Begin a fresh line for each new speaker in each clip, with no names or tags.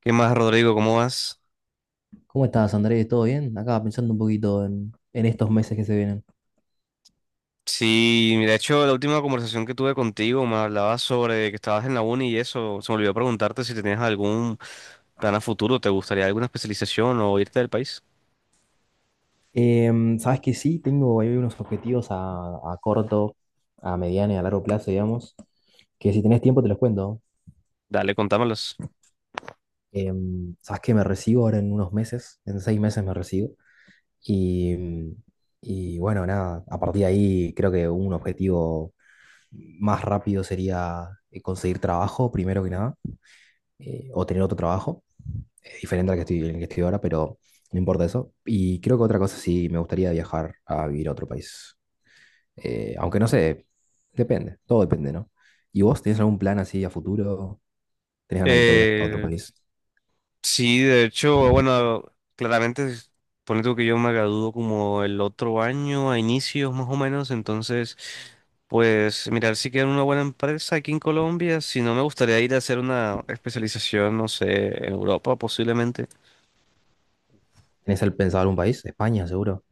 ¿Qué más, Rodrigo? ¿Cómo vas?
¿Cómo estás, Andrés? ¿Todo bien? Acá pensando un poquito en estos meses que se vienen.
Sí, de hecho, la última conversación que tuve contigo me hablabas sobre que estabas en la uni y eso. Se me olvidó preguntarte si tenías algún plan a futuro, ¿te gustaría alguna especialización o irte del país?
Sabes que sí, tengo ahí unos objetivos a corto, a mediano y a largo plazo, digamos, que si tenés tiempo te los cuento.
Dale, contámelos.
Sabes que me recibo ahora en unos meses, en 6 meses me recibo. Y, mm, y bueno, nada, a partir de ahí creo que un objetivo más rápido sería conseguir trabajo, primero que nada, o tener otro trabajo. Es diferente al que estoy, el que estoy ahora, pero no importa eso. Y creo que otra cosa sí, me gustaría viajar a vivir a otro país. Aunque no sé, depende, todo depende, ¿no? ¿Y vos tenés algún plan así a futuro? ¿Tenés ganas de irte a vivir a otro
Eh,
país?
sí, de hecho, bueno, claramente, pone tú que yo me gradúo como el otro año, a inicios más o menos, entonces, pues mirar si queda una buena empresa aquí en Colombia, si no me gustaría ir a hacer una especialización, no sé, en Europa posiblemente.
¿Tenés el pensado algún país? España, seguro.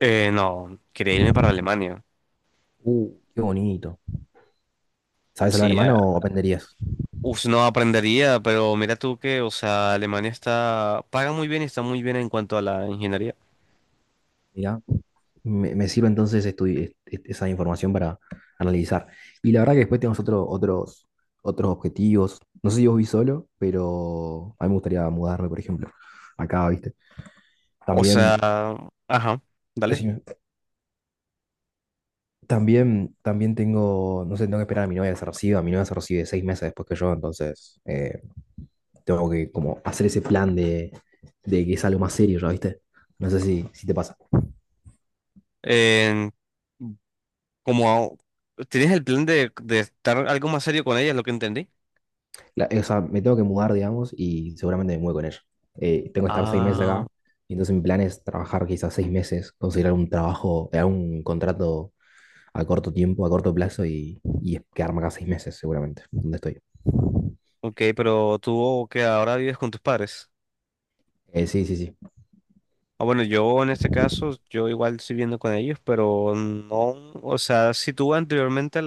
No, quería irme para Alemania.
Qué bonito. ¿Sabes hablar
Sí,
alemán o aprenderías?
uf, no aprendería, pero mira tú que, o sea, Alemania está, paga muy bien y está muy bien en cuanto a la ingeniería.
Mira, me sirve entonces esa información para analizar. Y la verdad que después tenemos otros objetivos. No sé si vos vi solo, pero a mí me gustaría mudarme, por ejemplo, acá, ¿viste?
O
También,
sea, ajá, dale.
decime, también tengo, no sé, tengo que esperar a mi novia que se reciba. Mi novia se recibe 6 meses después que yo, entonces tengo que como hacer ese plan de que es algo más serio, ¿ya viste? No sé si te pasa.
En- Como tienes el plan de estar algo más serio con ella, es lo que entendí.
O sea, me tengo que mudar, digamos, y seguramente me muevo con ella. Tengo que estar 6 meses
Ah,
acá, y entonces mi plan es trabajar quizás 6 meses, conseguir algún trabajo, algún contrato a corto tiempo, a corto plazo, y quedarme acá 6 meses, seguramente, donde estoy.
ok, pero tú que ahora vives con tus padres.
Sí, sí, sí.
Ah, bueno, yo en este caso, yo igual estoy viviendo con ellos, pero no, o sea, si tú anteriormente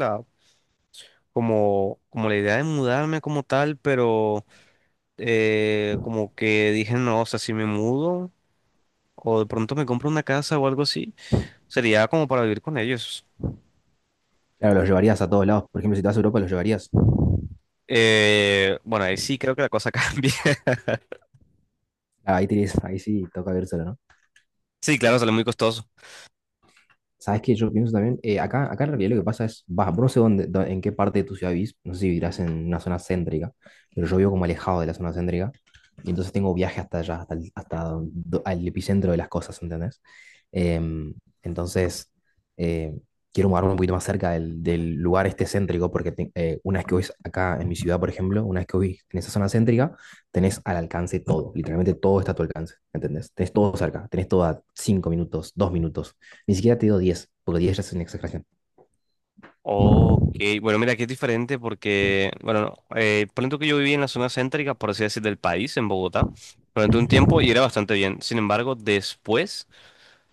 como la idea de mudarme como tal, pero como que dije, no, o sea, si me mudo o de pronto me compro una casa o algo así, sería como para vivir con ellos.
Claro, los llevarías a todos lados. Por ejemplo, si te vas a Europa, los llevarías.
Bueno, ahí sí creo que la cosa cambia.
Ah, ahí, tienes, ahí sí, toca ver solo, ¿no?
Sí, claro, sale muy costoso.
Sabes que yo pienso también, acá en realidad lo que pasa es, vas, vos no sé dónde, en qué parte de tu ciudad vivís, no sé si vivirás en una zona céntrica, pero yo vivo como alejado de la zona céntrica, y entonces tengo viaje hasta allá, hasta el, hasta do- al epicentro de las cosas, ¿entendés? Em, entonces, eh, quiero mudarme un poquito más cerca del lugar este céntrico, porque una vez que vivís acá en mi ciudad, por ejemplo, una vez que vivís en esa zona céntrica, tenés al alcance todo, literalmente todo está a tu alcance, ¿entendés? Tenés todo cerca, tenés todo a 5 minutos, 2 minutos. Ni siquiera te digo 10 porque 10 ya es una exageración.
Ok, bueno, mira, aquí es diferente porque, bueno, ponle tú que yo viví en la zona céntrica, por así decir, del país, en Bogotá, durante un tiempo y
Mm.
era bastante bien. Sin embargo,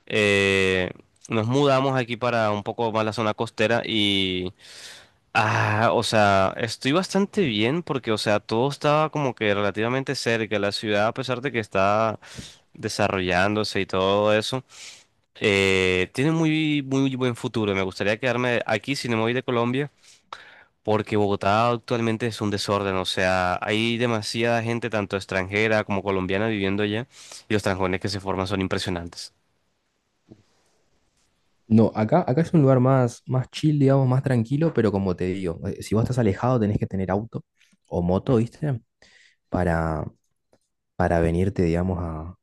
eh, nos mudamos aquí para un poco más la zona costera Ah, o sea, estoy bastante bien porque, o sea, todo estaba como que relativamente cerca. La ciudad, a pesar de que está desarrollándose y todo eso, tiene muy, muy buen futuro. Me gustaría quedarme aquí si no me voy de Colombia, porque Bogotá actualmente es un desorden. O sea, hay demasiada gente, tanto extranjera como colombiana, viviendo allá y los trancones que se forman son impresionantes.
No, acá es un lugar más, más chill, digamos, más tranquilo, pero como te digo, si vos estás alejado tenés que tener auto o moto, ¿viste? Para, para venirte, digamos,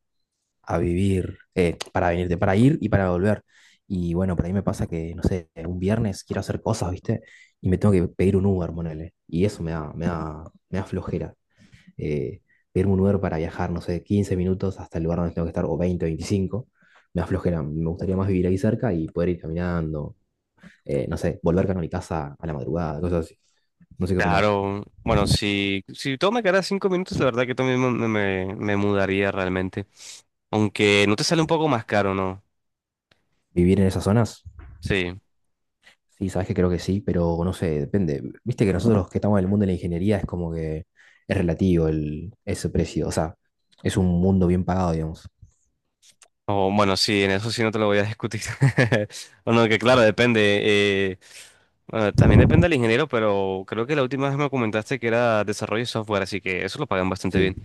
a vivir, para venirte, para ir y para volver. Y bueno, por ahí me pasa que, no sé, un viernes quiero hacer cosas, ¿viste? Y me tengo que pedir un Uber, ponele. Y eso me da flojera. eh, Pedirme un Uber para viajar, no sé, 15 minutos hasta el lugar donde tengo que estar, o 20, 25 me da flojera me gustaría más vivir ahí cerca y poder ir caminando, no sé, volver a mi casa a la madrugada, cosas así. No sé qué opinamos.
Claro, bueno, si todo me quedara 5 minutos, la verdad que también me mudaría realmente. Aunque no te sale un poco más caro, ¿no?
¿Vivir en esas zonas?
Sí.
Sí, sabes que creo que sí, pero no sé, depende. Viste que nosotros que estamos en el mundo de la ingeniería es como que es relativo ese precio, o sea, es un mundo bien pagado, digamos.
O bueno, sí, en eso sí no te lo voy a discutir. Bueno, que claro, depende. eh, bueno, también depende del ingeniero, pero creo que la última vez me comentaste que era desarrollo de software, así que eso lo pagan bastante
Sí,
bien.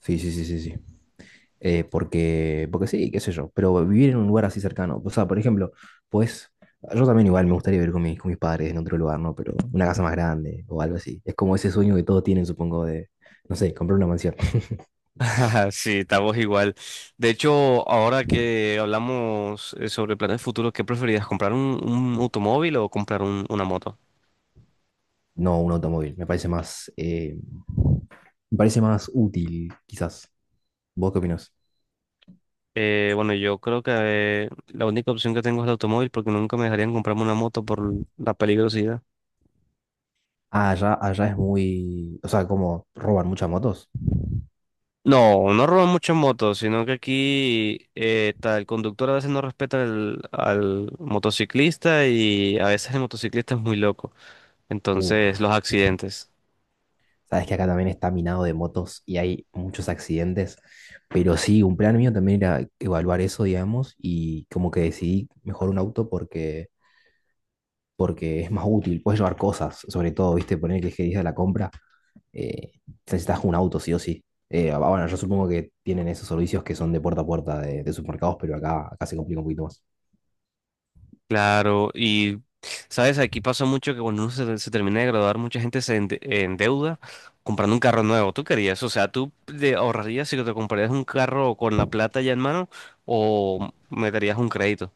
sí, sí, sí, sí, sí. Porque sí, qué sé yo, pero vivir en un lugar así cercano, o sea, por ejemplo, pues yo también igual me gustaría vivir con mis padres en otro lugar, ¿no? Pero una casa más grande o algo así. Es como ese sueño que todos tienen, supongo, de, no sé, comprar una mansión.
Sí, estamos igual. De hecho, ahora que hablamos sobre planes futuros, ¿qué preferirías? ¿Comprar un automóvil o comprar una moto?
No un automóvil, me parece más útil, quizás. ¿Vos qué opinás?
Bueno, yo creo que la única opción que tengo es el automóvil porque nunca me dejarían comprarme una moto por la peligrosidad.
Ah, allá, allá es muy, o sea, como roban muchas motos.
No, no roban muchas motos, sino que aquí el conductor a veces no respeta al, al motociclista y a veces el motociclista es muy loco. Entonces,
Uf,
los accidentes.
sabes que acá también está minado de motos y hay muchos accidentes, pero sí, un plan mío también era evaluar eso, digamos, y como que decidí mejor un auto porque, porque es más útil, puedes llevar cosas, sobre todo, viste, poner que dije de la compra, eh, necesitas un auto, sí o sí. Bueno, yo supongo que tienen esos servicios que son de puerta a puerta de supermercados, pero acá se complica un poquito más.
Claro, y sabes, aquí pasa mucho que cuando uno se termina de graduar, mucha gente se endeuda comprando un carro nuevo. ¿Tú querías? O sea, ¿tú te ahorrarías si te comprarías un carro con la plata ya en mano o meterías un crédito?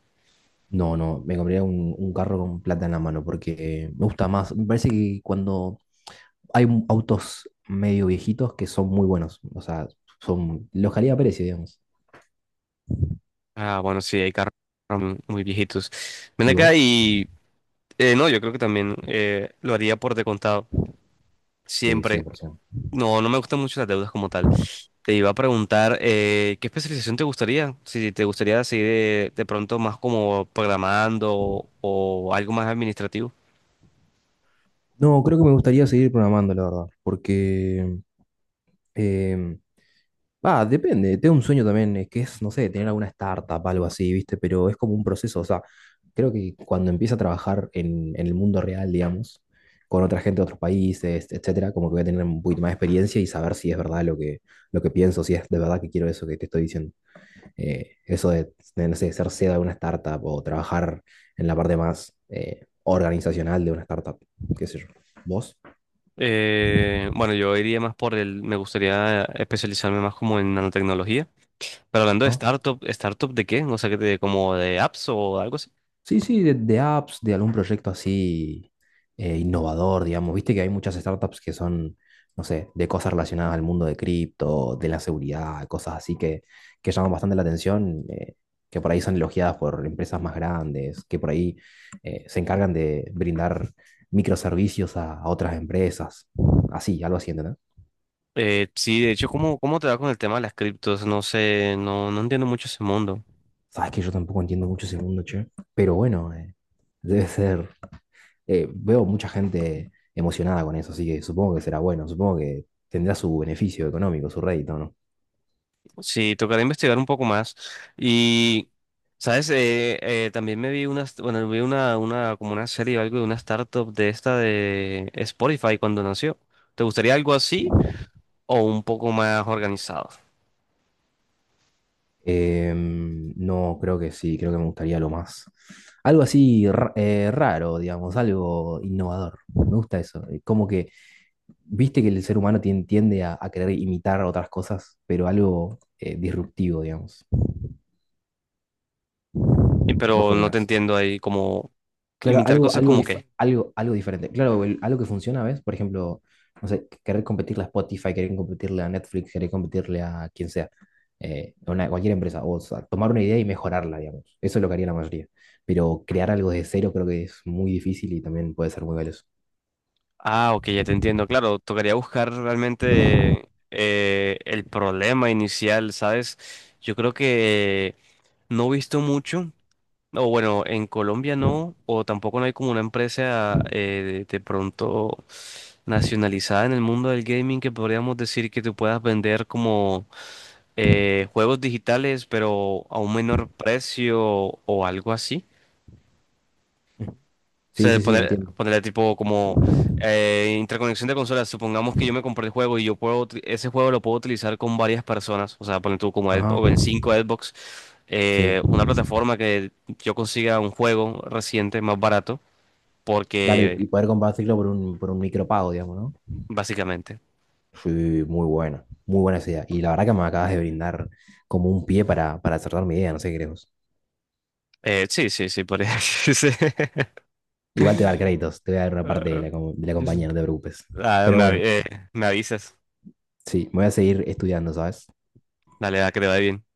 No, no, me compraría un carro con plata en la mano porque me gusta más, me parece que cuando hay autos medio viejitos que son muy buenos. O sea, son los calidad-precio, digamos.
Ah, bueno, sí, hay carros muy muy viejitos. Ven
¿Y
acá
vos?
y... No, yo creo que también lo haría por descontado.
Sí,
Siempre.
100%.
No, no me gustan mucho las deudas como tal. Te iba a preguntar, ¿qué especialización te gustaría? Si te gustaría seguir de, pronto más como programando o algo más administrativo.
No, creo que me gustaría seguir programando, la verdad. Porque. eh, Va, depende. Tengo un sueño también, que es, no sé, tener alguna startup, algo así, ¿viste? Pero es como un proceso. O sea, creo que cuando empieza a trabajar en el mundo real, digamos, con otra gente de otros países, etcétera, como que voy a tener un poquito más de experiencia y saber si es verdad lo que pienso, si es de verdad que quiero eso que te estoy diciendo. Eso no sé, ser CEO de una startup o trabajar en la parte más organizacional de una startup, qué sé yo. ¿Vos?
Bueno, yo iría más por el, me gustaría especializarme más como en nanotecnología. Pero hablando de
Ajá.
startup, ¿startup de qué? No sé, de, como de apps o algo así.
Sí, sí, de apps, de algún proyecto así innovador, digamos. Viste que hay muchas startups que son, no sé, de cosas relacionadas al mundo de cripto, de la seguridad, cosas así que llaman bastante la atención, que por ahí son elogiadas por empresas más grandes, que por ahí se encargan de brindar microservicios a otras empresas. Así, algo así, ¿entendés?
Sí, de hecho, ¿cómo te va con el tema de las criptos? No sé, no, no entiendo mucho ese mundo.
Sabes que yo tampoco entiendo mucho ese mundo, che. Pero bueno, debe ser veo mucha gente emocionada con eso, así que supongo que será bueno, supongo que tendrá su beneficio económico, su rédito, ¿no?
Sí, tocará investigar un poco más. Y, ¿sabes? También me vi una, bueno, vi una, como una serie o algo de una startup de esta de Spotify cuando nació. ¿Te gustaría algo así o un poco más organizado?
No, creo que sí, creo que me gustaría lo más. Algo así raro, digamos, algo innovador. Me gusta eso. Como que, viste que el ser humano tiende a querer imitar otras cosas, pero algo disruptivo, digamos. ¿Vos qué
Pero no te
opinás?
entiendo ahí como
Claro,
imitar
algo,
cosas
algo,
como qué.
algo, algo diferente. Claro, algo que funciona, ¿ves? Por ejemplo, no sé, querer competirle a Spotify, querer competirle a Netflix, querer competirle a quien sea, cualquier empresa, o sea, tomar una idea y mejorarla, digamos. Eso es lo que haría la mayoría. Pero crear algo de cero creo que es muy difícil y también puede ser muy valioso.
Ah, ok, ya te entiendo. Claro, tocaría buscar realmente el problema inicial, ¿sabes? Yo creo que no he visto mucho. O bueno, en Colombia no, o tampoco no hay como una empresa de pronto nacionalizada en el mundo del gaming que podríamos decir que tú puedas vender como juegos digitales, pero a un menor precio o algo así. O
Sí,
sea,
sí, sí,
poner,
entiendo.
ponerle tipo como interconexión de consolas. Supongamos que yo me compré el juego y yo puedo, ese juego lo puedo utilizar con varias personas. O sea, poner tú como
Ajá.
Xbox, en 5 Xbox,
Sí,
una plataforma que yo consiga un juego reciente más barato,
claro,
porque
y poder compartirlo por por un micropago, digamos, ¿no?
básicamente.
Sí, muy buena esa idea. Y la verdad que me acabas de brindar como un pie para cerrar mi idea, no sé qué crees. Vos.
Sí, sí, sí, por eso. sí.
Igual te voy a dar créditos, te voy a dar una parte de la, de la compañía, no te preocupes.
Ah,
Pero bueno,
me avisas.
sí, me voy a seguir estudiando, ¿sabes?
Dale, va, que te vaya bien.